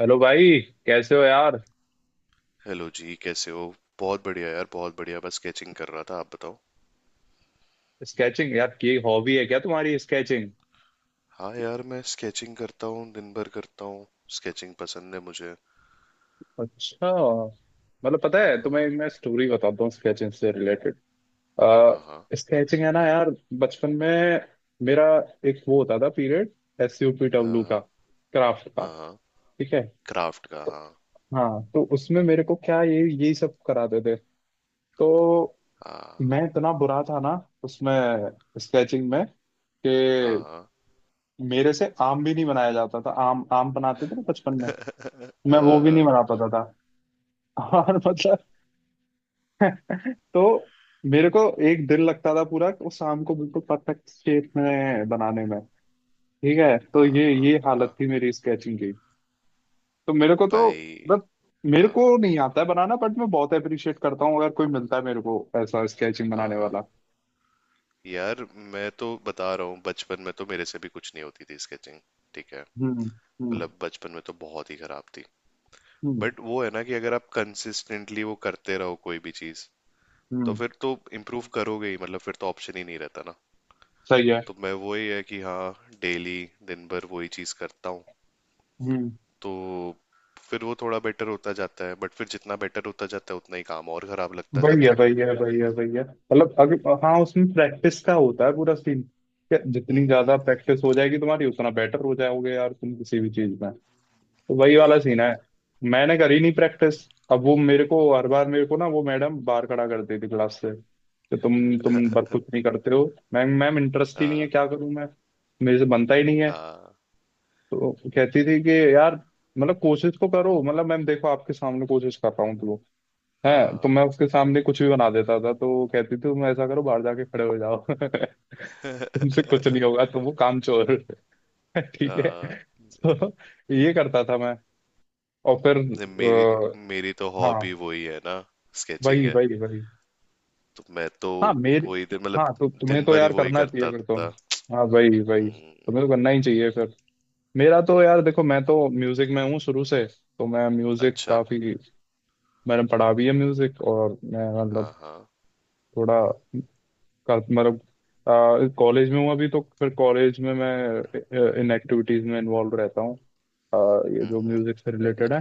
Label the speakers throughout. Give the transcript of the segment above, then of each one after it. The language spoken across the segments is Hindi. Speaker 1: हेलो भाई। कैसे हो यार।
Speaker 2: हेलो जी कैसे हो। बहुत बढ़िया यार, बहुत बढ़िया। बस स्केचिंग कर रहा था, आप बताओ।
Speaker 1: स्केचिंग यार की हॉबी है क्या तुम्हारी, स्केचिंग?
Speaker 2: हाँ यार, मैं स्केचिंग करता हूँ, दिन भर करता हूँ। स्केचिंग पसंद है मुझे।
Speaker 1: अच्छा। मतलब पता है
Speaker 2: हाँ
Speaker 1: तुम्हें, मैं स्टोरी बताता हूँ स्केचिंग से रिलेटेड। आ,
Speaker 2: हाँ। हाँ
Speaker 1: स्केचिंग है ना यार। बचपन में मेरा एक वो होता था पीरियड, एस यू पी
Speaker 2: हाँ।
Speaker 1: डब्ल्यू का,
Speaker 2: हाँ
Speaker 1: क्राफ्ट का।
Speaker 2: हाँ। हाँ,
Speaker 1: ठीक है
Speaker 2: क्राफ्ट का।
Speaker 1: तो,
Speaker 2: हाँ
Speaker 1: हाँ तो उसमें मेरे को क्या, ये यही सब कराते थे। तो मैं इतना बुरा था ना उसमें, स्केचिंग में,
Speaker 2: हाँ
Speaker 1: कि
Speaker 2: हाँ।
Speaker 1: मेरे से आम भी नहीं बनाया जाता था। आम आम बनाते थे ना बचपन में, मैं वो भी नहीं
Speaker 2: हाँ।
Speaker 1: बना पाता था। और मतलब, तो मेरे को एक दिन लगता था पूरा, वो शाम को बिल्कुल परफेक्ट शेप में बनाने में। ठीक है, तो ये
Speaker 2: हाँ
Speaker 1: ये हालत थी
Speaker 2: हाँ।
Speaker 1: मेरी स्केचिंग की। तो मेरे को तो,
Speaker 2: भाई।
Speaker 1: बट मेरे को
Speaker 2: हाँ
Speaker 1: नहीं आता है बनाना, बट मैं बहुत अप्रिशिएट करता हूँ अगर कोई मिलता है मेरे को ऐसा स्केचिंग
Speaker 2: हाँ।
Speaker 1: बनाने
Speaker 2: हाँ
Speaker 1: वाला।
Speaker 2: यार, मैं तो बता रहा हूँ, बचपन में तो मेरे से भी कुछ नहीं होती थी स्केचिंग। ठीक है।
Speaker 1: हम्म। हम्म।
Speaker 2: मतलब बचपन में तो बहुत ही खराब थी।
Speaker 1: हम्म।
Speaker 2: बट वो है ना कि अगर आप कंसिस्टेंटली वो करते रहो कोई भी चीज, तो
Speaker 1: हम्म।
Speaker 2: फिर तो इम्प्रूव करोगे ही। मतलब फिर तो ऑप्शन ही नहीं रहता ना।
Speaker 1: सही है।
Speaker 2: तो मैं, वही है कि हाँ, डेली दिन भर वही चीज करता हूँ।
Speaker 1: हम्म।
Speaker 2: तो फिर वो थोड़ा बेटर होता जाता है, बट फिर जितना बेटर होता जाता है उतना ही काम और खराब लगता जाता
Speaker 1: भैया
Speaker 2: है।
Speaker 1: भैया भैया भैया, मतलब अगर, हाँ, उसमें प्रैक्टिस का होता है पूरा सीन क्या, जितनी ज्यादा
Speaker 2: हम्म।
Speaker 1: प्रैक्टिस हो जाएगी तुम्हारी उतना बेटर हो जाओगे यार तुम किसी भी चीज में। तो वही वाला
Speaker 2: वही।
Speaker 1: सीन है। मैंने करी नहीं प्रैक्टिस। अब वो मेरे को हर बार, मेरे को ना वो मैडम बाहर खड़ा करती थी क्लास से, कि तुम बर कुछ नहीं करते हो। मैम मैम, इंटरेस्ट ही नहीं है,
Speaker 2: आ,
Speaker 1: क्या करूं मैं, मेरे से बनता ही नहीं है।
Speaker 2: आ,
Speaker 1: तो कहती थी कि यार, मतलब कोशिश तो करो, मतलब मैम देखो आपके सामने कोशिश कर रहा हूँ तो
Speaker 2: आ,
Speaker 1: है। तो मैं उसके सामने कुछ भी बना देता था तो वो कहती थी तुम ऐसा करो बाहर जाके खड़े हो जाओ। तुमसे कुछ नहीं होगा तुम, वो कामचोर। ठीक है।
Speaker 2: आ,
Speaker 1: तो ये करता था मैं, और फिर
Speaker 2: नहीं, मेरी मेरी तो
Speaker 1: हाँ
Speaker 2: हॉबी वही है ना, स्केचिंग
Speaker 1: वही
Speaker 2: है।
Speaker 1: वही वही।
Speaker 2: तो मैं तो
Speaker 1: हाँ मेरे,
Speaker 2: वही दिन, मतलब
Speaker 1: हाँ तो तुम्हें
Speaker 2: दिन
Speaker 1: तो
Speaker 2: भर ही
Speaker 1: यार
Speaker 2: वही
Speaker 1: करना चाहिए
Speaker 2: करता
Speaker 1: फिर तो।
Speaker 2: था।
Speaker 1: हाँ वही वही,
Speaker 2: हम्म।
Speaker 1: तुम्हें तो करना ही चाहिए फिर। मेरा तो यार देखो, मैं तो म्यूजिक में हूँ शुरू से, तो मैं म्यूजिक
Speaker 2: अच्छा।
Speaker 1: काफी, मैंने पढ़ा भी है म्यूजिक, और मैं
Speaker 2: हाँ
Speaker 1: मतलब
Speaker 2: हाँ।
Speaker 1: थोड़ा मतलब कॉलेज में हूँ अभी, तो फिर कॉलेज में मैं इन एक्टिविटीज में इन्वॉल्व रहता हूँ, अ, ये जो
Speaker 2: हम्म।
Speaker 1: म्यूजिक से रिलेटेड है।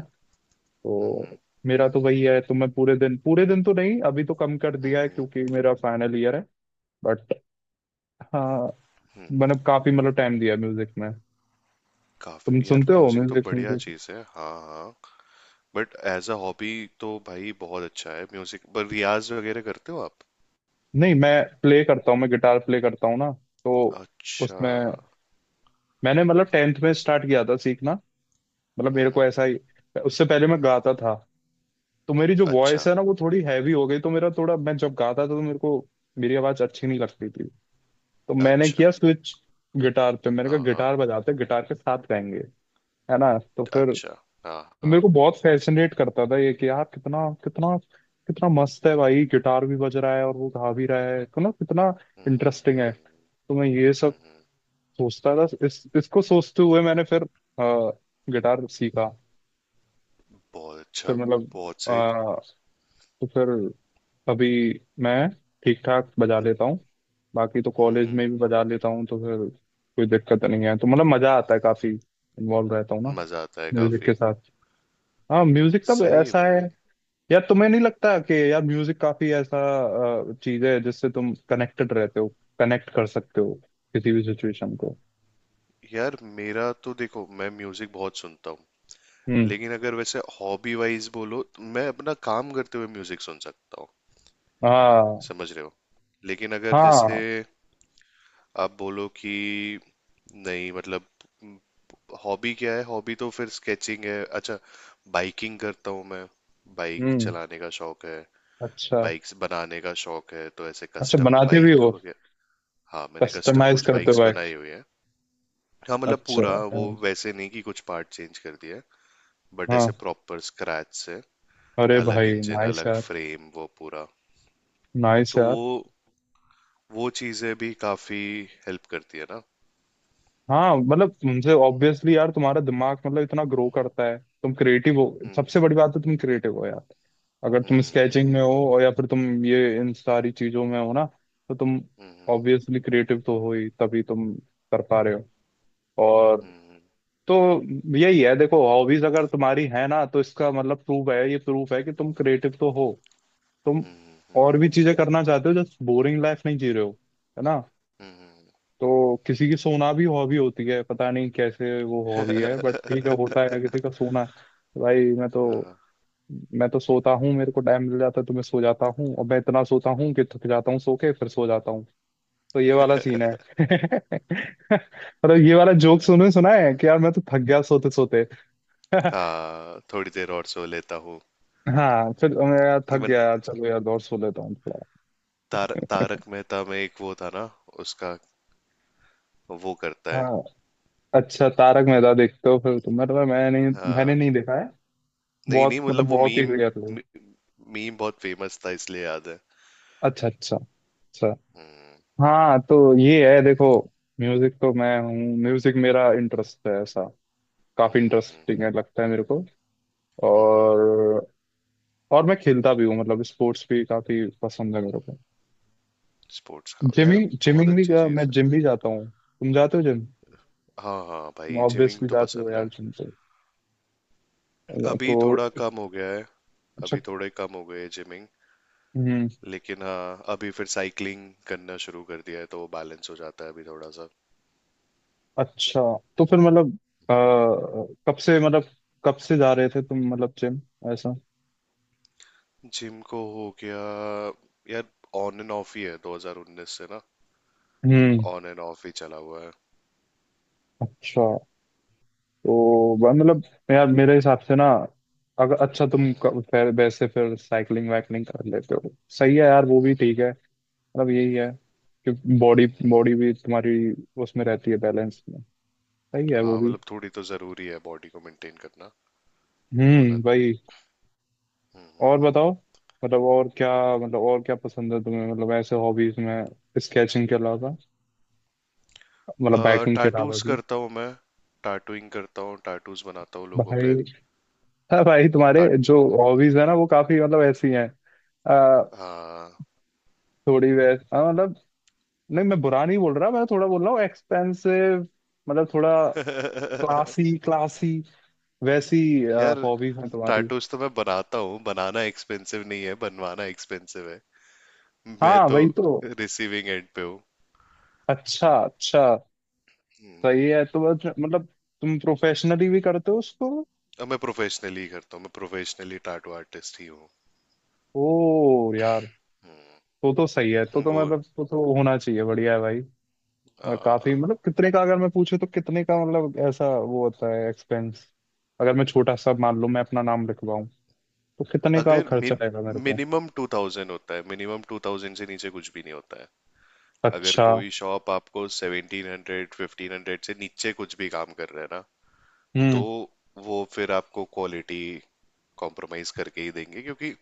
Speaker 1: तो
Speaker 2: हम्म।
Speaker 1: मेरा तो वही है, तो मैं पूरे दिन, पूरे दिन तो नहीं अभी, तो कम कर दिया है
Speaker 2: हम्म,
Speaker 1: क्योंकि मेरा फाइनल ईयर है। बट हाँ,
Speaker 2: हम्म।
Speaker 1: मैंने काफी मतलब टाइम दिया म्यूजिक में। तुम
Speaker 2: काफी यार,
Speaker 1: सुनते हो
Speaker 2: म्यूजिक तो
Speaker 1: म्यूजिक,
Speaker 2: बढ़िया
Speaker 1: म्यूजिक?
Speaker 2: चीज है। हाँ हाँ, बट एज अ हॉबी तो भाई बहुत अच्छा है। म्यूजिक पर रियाज वगैरह करते हो आप?
Speaker 1: नहीं, मैं प्ले करता हूँ, मैं गिटार प्ले करता हूँ ना। तो
Speaker 2: अच्छा।
Speaker 1: उसमें मैंने मतलब टेंथ में स्टार्ट किया था सीखना। मतलब मेरे को ऐसा ही, उससे पहले मैं गाता था, तो मेरी जो वॉइस
Speaker 2: अच्छा।
Speaker 1: है ना वो थोड़ी हैवी हो गई, तो मेरा थोड़ा, मैं जब गाता था तो मेरे को, मेरी आवाज अच्छी नहीं लगती थी। तो मैंने
Speaker 2: अच्छा।
Speaker 1: किया स्विच गिटार पे, मैंने कहा
Speaker 2: हाँ हाँ।
Speaker 1: गिटार बजाते हैं, गिटार के साथ गाएंगे, है ना? तो फिर,
Speaker 2: अच्छा। हाँ
Speaker 1: तो
Speaker 2: हाँ।
Speaker 1: मेरे को बहुत फैसिनेट करता था ये, कि यार कितना, कितना, कितना मस्त है भाई, गिटार भी बज रहा है और वो गा भी रहा है तो ना, कितना इंटरेस्टिंग है। तो मैं ये सब सोचता था, इस इसको सोचते हुए मैंने फिर गिटार सीखा।
Speaker 2: बहुत
Speaker 1: फिर
Speaker 2: अच्छा।
Speaker 1: मतलब,
Speaker 2: बहुत सही।
Speaker 1: तो फिर अभी मैं ठीक ठाक बजा लेता हूँ। बाकी तो कॉलेज
Speaker 2: हम्म।
Speaker 1: में भी बजा लेता हूँ तो फिर कोई दिक्कत नहीं है। तो मतलब मजा आता है काफी, इन्वॉल्व रहता हूँ ना
Speaker 2: मजा आता है
Speaker 1: म्यूजिक
Speaker 2: काफी।
Speaker 1: के साथ। हाँ म्यूजिक तब
Speaker 2: सही है
Speaker 1: ऐसा है,
Speaker 2: भाई।
Speaker 1: यार तुम्हें नहीं लगता कि यार म्यूजिक काफी ऐसा चीज है जिससे तुम कनेक्टेड रहते हो, कनेक्ट कर सकते हो किसी भी सिचुएशन को।
Speaker 2: यार मेरा तो देखो, मैं म्यूजिक बहुत सुनता हूँ,
Speaker 1: हम्म।
Speaker 2: लेकिन अगर वैसे हॉबी वाइज बोलो, तो मैं अपना काम करते हुए म्यूजिक सुन सकता हूँ।
Speaker 1: हाँ।
Speaker 2: समझ रहे हो। लेकिन अगर जैसे
Speaker 1: हाँ।
Speaker 2: आप बोलो कि, नहीं मतलब हॉबी क्या है, हॉबी तो फिर स्केचिंग है। अच्छा, बाइकिंग करता हूँ मैं। बाइक
Speaker 1: हम्म।
Speaker 2: चलाने का शौक है।
Speaker 1: अच्छा।
Speaker 2: बाइक्स बनाने का शौक है, तो ऐसे
Speaker 1: अच्छा
Speaker 2: कस्टम
Speaker 1: बनाते भी
Speaker 2: बाइक
Speaker 1: हो,
Speaker 2: वगैरह। हाँ मैंने कस्टम
Speaker 1: कस्टमाइज
Speaker 2: कुछ
Speaker 1: करते हो
Speaker 2: बाइक्स
Speaker 1: भाई?
Speaker 2: बनाई हुई है। हाँ मतलब
Speaker 1: अच्छा।
Speaker 2: पूरा, वो वैसे नहीं कि कुछ पार्ट चेंज कर दिया, बट
Speaker 1: हाँ।
Speaker 2: ऐसे प्रॉपर स्क्रैच से,
Speaker 1: अरे
Speaker 2: अलग
Speaker 1: भाई
Speaker 2: इंजन,
Speaker 1: नाइस
Speaker 2: अलग
Speaker 1: यार,
Speaker 2: फ्रेम, वो पूरा।
Speaker 1: नाइस
Speaker 2: तो
Speaker 1: यार।
Speaker 2: वो चीजें भी काफी हेल्प करती है ना।
Speaker 1: हाँ मतलब तुमसे ऑब्वियसली यार तुम्हारा दिमाग मतलब इतना ग्रो करता है, तुम क्रिएटिव हो।
Speaker 2: हम्म
Speaker 1: सबसे बड़ी बात है, तुम क्रिएटिव हो यार। अगर तुम स्केचिंग
Speaker 2: हम्म
Speaker 1: में हो और, या फिर तुम ये इन सारी चीजों में हो ना, तो तुम
Speaker 2: हम्म।
Speaker 1: ऑब्वियसली क्रिएटिव तो हो ही तभी तुम कर पा रहे हो। और
Speaker 2: हम्म
Speaker 1: तो, यही है देखो, हॉबीज अगर तुम्हारी है ना तो इसका मतलब प्रूफ है, ये प्रूफ है कि तुम क्रिएटिव तो हो, तुम
Speaker 2: हम्म। हम्म।
Speaker 1: और भी चीजें करना चाहते हो, जस्ट बोरिंग लाइफ नहीं जी रहे हो, है ना? तो किसी की सोना भी हॉबी होती है, पता नहीं कैसे वो हॉबी है, बट ठीक है होता है किसी का सोना। भाई मैं तो
Speaker 2: हाँ, हाँ।
Speaker 1: मैं तो सोता हूँ, मेरे को टाइम मिल जाता है तो मैं सो जाता हूँ और मैं इतना सोता हूँ कि थक जाता हूँ सो के, फिर सो जाता हूँ। तो ये वाला सीन है। मतलब ये वाला जोक सुने सुना है कि यार मैं तो थक गया सोते सोते।
Speaker 2: हाँ, थोड़ी देर और सो लेता हूँ।
Speaker 1: हाँ, फिर मैं यार थक
Speaker 2: इवन
Speaker 1: गया यार, चलो यार और सो लेता हूँ थोड़ा।
Speaker 2: तारक मेहता में एक वो था ना, उसका, वो करता है।
Speaker 1: हाँ। अच्छा, तारक मेहता देखते हो फिर तुम? मतलब मैं नहीं, मैंने
Speaker 2: हाँ।
Speaker 1: नहीं देखा है,
Speaker 2: नहीं नहीं,
Speaker 1: बहुत मतलब
Speaker 2: मतलब वो
Speaker 1: बहुत ही
Speaker 2: मीम,
Speaker 1: रेयर।
Speaker 2: मीम बहुत फेमस था इसलिए याद है।
Speaker 1: अच्छा अच्छा अच्छा।
Speaker 2: हम्म।
Speaker 1: हाँ तो ये है देखो, म्यूजिक तो मैं हूँ, म्यूजिक मेरा इंटरेस्ट है ऐसा, काफी इंटरेस्टिंग
Speaker 2: हम्म
Speaker 1: है लगता है मेरे को।
Speaker 2: हम्म।
Speaker 1: और और मैं खेलता भी हूँ, मतलब स्पोर्ट्स भी काफी पसंद है मेरे को।
Speaker 2: स्पोर्ट्स का यार
Speaker 1: जिमिंग,
Speaker 2: बहुत
Speaker 1: जिमिंग भी
Speaker 2: अच्छी चीज
Speaker 1: मैं
Speaker 2: है।
Speaker 1: जिम भी जाता हूँ। तुम जाते हो जिम?
Speaker 2: हाँ हाँ भाई, जिमिंग
Speaker 1: ऑब्वियसली
Speaker 2: तो
Speaker 1: जाते हो
Speaker 2: पसंद
Speaker 1: यार
Speaker 2: है।
Speaker 1: जिम, तो
Speaker 2: अभी थोड़ा
Speaker 1: तो
Speaker 2: कम हो गया है।
Speaker 1: अच्छा।
Speaker 2: अभी थोड़े कम हो गए है जिमिंग।
Speaker 1: हम्म।
Speaker 2: लेकिन हाँ, अभी फिर साइकिलिंग करना शुरू कर दिया है, तो वो बैलेंस हो जाता है अभी थोड़ा सा।
Speaker 1: अच्छा तो फिर मतलब अ, कब से मतलब, कब से जा रहे थे तुम मतलब जिम, ऐसा?
Speaker 2: जिम को हो गया यार, ऑन एंड ऑफ ही है 2019 से ना।
Speaker 1: हम्म।
Speaker 2: ऑन एंड ऑफ ही चला हुआ है।
Speaker 1: अच्छा। तो मतलब यार मेरे हिसाब से ना, अगर, अच्छा तुम फिर वैसे, फिर साइकिलिंग वाइकलिंग कर लेते हो, सही है यार वो भी ठीक है। मतलब यही है कि बॉडी, बॉडी भी तुम्हारी उसमें रहती है बैलेंस में। सही है वो
Speaker 2: हाँ
Speaker 1: भी।
Speaker 2: मतलब थोड़ी तो जरूरी है बॉडी को मेंटेन करना, वरना।
Speaker 1: भाई। और बताओ, मतलब और क्या, मतलब और क्या पसंद है तुम्हें मतलब ऐसे हॉबीज में स्केचिंग के अलावा, मतलब बाइकिंग के अलावा
Speaker 2: टैटूज
Speaker 1: भी?
Speaker 2: करता हूँ मैं, टैटूइंग करता हूँ, टैटूज बनाता हूँ लोगों
Speaker 1: भाई।
Speaker 2: पे।
Speaker 1: हाँ भाई तुम्हारे
Speaker 2: टैट
Speaker 1: जो हॉबीज है ना वो काफी मतलब ऐसी हैं, आ,
Speaker 2: हाँ।
Speaker 1: थोड़ी वैस हाँ, मतलब नहीं मैं बुरा नहीं बोल रहा, मैं थोड़ा बोल रहा हूँ एक्सपेंसिव, मतलब थोड़ा क्लासी, क्लासी वैसी
Speaker 2: यार
Speaker 1: हॉबीज हैं तुम्हारी।
Speaker 2: टैटूज तो मैं बनाता हूँ, बनाना एक्सपेंसिव नहीं है, बनवाना एक्सपेंसिव है। मैं
Speaker 1: हाँ
Speaker 2: तो
Speaker 1: वही तो।
Speaker 2: रिसीविंग एंड पे हूँ।
Speaker 1: अच्छा अच्छा। सही है, तो बस मतलब तुम प्रोफेशनली भी करते हो उसको?
Speaker 2: अब मैं प्रोफेशनली करता हूँ, मैं प्रोफेशनली टैटू आर्टिस्ट ही हूँ।
Speaker 1: ओ यार। तो सही है, तो
Speaker 2: वो
Speaker 1: मतलब तो होना चाहिए, बढ़िया है भाई। और
Speaker 2: आ,
Speaker 1: काफी, मतलब कितने का, अगर मैं पूछूं तो कितने का मतलब ऐसा वो होता है एक्सपेंस। अगर मैं छोटा सा मान लूं, मैं अपना नाम लिखवाऊं, तो कितने का
Speaker 2: अगर
Speaker 1: खर्चा आएगा मेरे को?
Speaker 2: मिनिमम टू थाउजेंड होता है, मिनिमम 2000 से नीचे कुछ भी नहीं होता है। अगर
Speaker 1: अच्छा।
Speaker 2: कोई शॉप आपको 1700, 1500 से नीचे कुछ भी काम कर रहा है ना, तो
Speaker 1: हम्म।
Speaker 2: वो फिर आपको क्वालिटी कॉम्प्रोमाइज करके ही देंगे, क्योंकि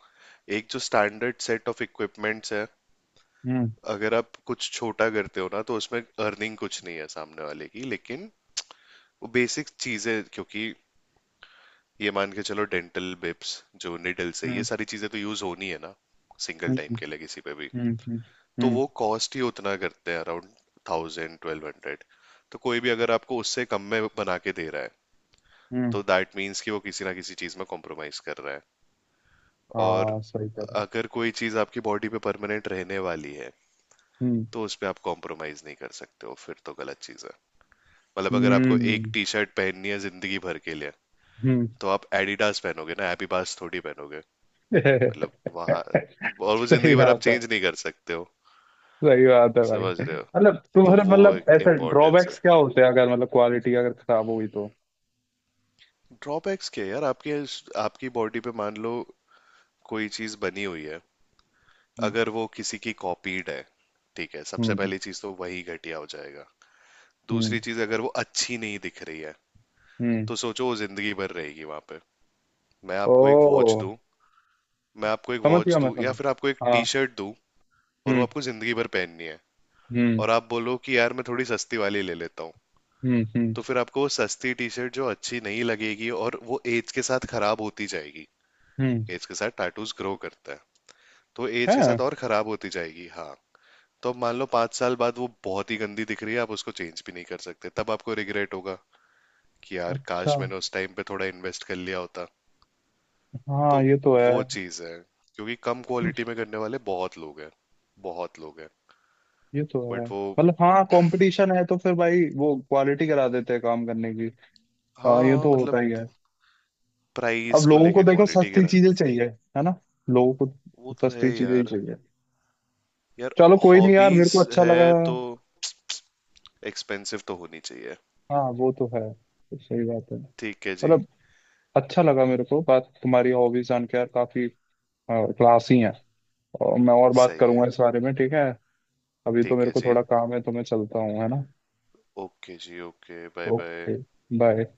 Speaker 2: एक जो स्टैंडर्ड सेट ऑफ इक्विपमेंट्स है,
Speaker 1: हम्म।
Speaker 2: अगर आप कुछ छोटा करते हो ना, तो उसमें अर्निंग कुछ नहीं है सामने वाले की, लेकिन वो बेसिक चीजें, क्योंकि ये मान के चलो डेंटल बिप्स, जो निडल्स है, ये
Speaker 1: हम्म।
Speaker 2: सारी चीजें तो यूज होनी है ना, सिंगल
Speaker 1: हम्म।
Speaker 2: टाइम के लिए किसी पे भी।
Speaker 1: हम्म। हम्म।
Speaker 2: तो
Speaker 1: हम्म।
Speaker 2: वो कॉस्ट ही उतना करते हैं, अराउंड 1000-1200। तो कोई भी अगर आपको उससे कम में बना के दे रहा है,
Speaker 1: हम्म, हम्म।
Speaker 2: तो दैट मीन्स कि वो किसी ना किसी चीज में कॉम्प्रोमाइज कर रहा है। और
Speaker 1: हाँ सही कह रहे हो।
Speaker 2: अगर कोई चीज आपकी बॉडी पे परमानेंट रहने वाली है,
Speaker 1: हम्म।
Speaker 2: तो उसमें आप कॉम्प्रोमाइज नहीं कर सकते हो, फिर तो गलत चीज है। मतलब अगर आपको एक
Speaker 1: हम्म।
Speaker 2: टी शर्ट पहननी है जिंदगी भर के लिए,
Speaker 1: हम्म।
Speaker 2: तो आप एडिडास पहनोगे ना, एपीबास थोड़ी पहनोगे। मतलब वहां, और वो
Speaker 1: सही
Speaker 2: जिंदगी भर आप
Speaker 1: बात है।
Speaker 2: चेंज नहीं कर सकते हो।
Speaker 1: सही बात है भाई।
Speaker 2: समझ रहे हो,
Speaker 1: मतलब
Speaker 2: तो
Speaker 1: तुम्हारे
Speaker 2: वो
Speaker 1: मतलब
Speaker 2: एक
Speaker 1: ऐसे
Speaker 2: इम्पोर्टेंस है।
Speaker 1: ड्रॉबैक्स क्या होते हैं अगर मतलब क्वालिटी अगर खराब हुई तो?
Speaker 2: ड्रॉबैक्स क्या यार, आपके, आपकी बॉडी पे मान लो कोई चीज बनी हुई है,
Speaker 1: हम्म।
Speaker 2: अगर वो किसी की कॉपीड है, ठीक है, सबसे
Speaker 1: हम्म।
Speaker 2: पहली चीज तो वही घटिया हो जाएगा।
Speaker 1: हम्म।
Speaker 2: दूसरी चीज, अगर वो अच्छी नहीं दिख रही है,
Speaker 1: हम्म।
Speaker 2: तो सोचो वो जिंदगी भर रहेगी वहां पे। मैं
Speaker 1: ओ।
Speaker 2: आपको एक वॉच दूं मैं आपको एक
Speaker 1: समझ
Speaker 2: वॉच
Speaker 1: गया, मैं
Speaker 2: दूं या
Speaker 1: समझ।
Speaker 2: फिर आपको एक टी
Speaker 1: हाँ।
Speaker 2: शर्ट दूं, और वो
Speaker 1: हम्म।
Speaker 2: आपको जिंदगी भर पहननी है,
Speaker 1: हम्म।
Speaker 2: और आप बोलो कि यार मैं थोड़ी सस्ती वाली ले लेता हूँ,
Speaker 1: हम्म। हम्म।
Speaker 2: तो फिर आपको वो सस्ती टी शर्ट जो अच्छी नहीं लगेगी, और वो एज के साथ खराब होती जाएगी।
Speaker 1: हम्म।
Speaker 2: एज के साथ टैटूज ग्रो करता है, तो एज के
Speaker 1: है।
Speaker 2: साथ और खराब होती जाएगी। हाँ, तो अब मान लो 5 साल बाद वो बहुत ही गंदी दिख रही है, आप उसको चेंज भी नहीं कर सकते, तब आपको रिग्रेट होगा कि यार
Speaker 1: अच्छा।
Speaker 2: काश मैंने उस टाइम पे थोड़ा इन्वेस्ट कर लिया होता। तो
Speaker 1: हाँ ये तो है।
Speaker 2: वो चीज़ है, क्योंकि कम
Speaker 1: हम्म,
Speaker 2: क्वालिटी में करने वाले बहुत लोग हैं, बहुत लोग हैं
Speaker 1: ये तो है
Speaker 2: बट वो
Speaker 1: मतलब, हाँ कंपटीशन है तो फिर भाई वो क्वालिटी करा देते हैं काम करने की।
Speaker 2: हाँ
Speaker 1: हाँ ये
Speaker 2: हाँ
Speaker 1: तो होता
Speaker 2: मतलब
Speaker 1: ही है, अब
Speaker 2: प्राइस को
Speaker 1: लोगों को
Speaker 2: लेके
Speaker 1: देखो
Speaker 2: क्वालिटी
Speaker 1: सस्ती
Speaker 2: गिरा।
Speaker 1: चीजें चाहिए, है ना? लोगों को
Speaker 2: वो तो है
Speaker 1: सस्ती चीजें ही
Speaker 2: यार।
Speaker 1: चाहिए।
Speaker 2: यार
Speaker 1: चलो कोई नहीं यार, मेरे
Speaker 2: हॉबीज
Speaker 1: को अच्छा
Speaker 2: है
Speaker 1: लगा।
Speaker 2: तो एक्सपेंसिव तो होनी चाहिए।
Speaker 1: हाँ वो तो है, तो सही बात है।
Speaker 2: ठीक है जी।
Speaker 1: मतलब अच्छा लगा मेरे को बात तुम्हारी, हॉबीज जान के यार, काफी क्लासी है, और मैं और बात
Speaker 2: सही है।
Speaker 1: करूंगा इस बारे में, ठीक है? अभी तो
Speaker 2: ठीक
Speaker 1: मेरे
Speaker 2: है
Speaker 1: को
Speaker 2: जी।
Speaker 1: थोड़ा काम है तो मैं चलता हूँ, है ना?
Speaker 2: ओके जी, okay, bye bye.
Speaker 1: Okay bye.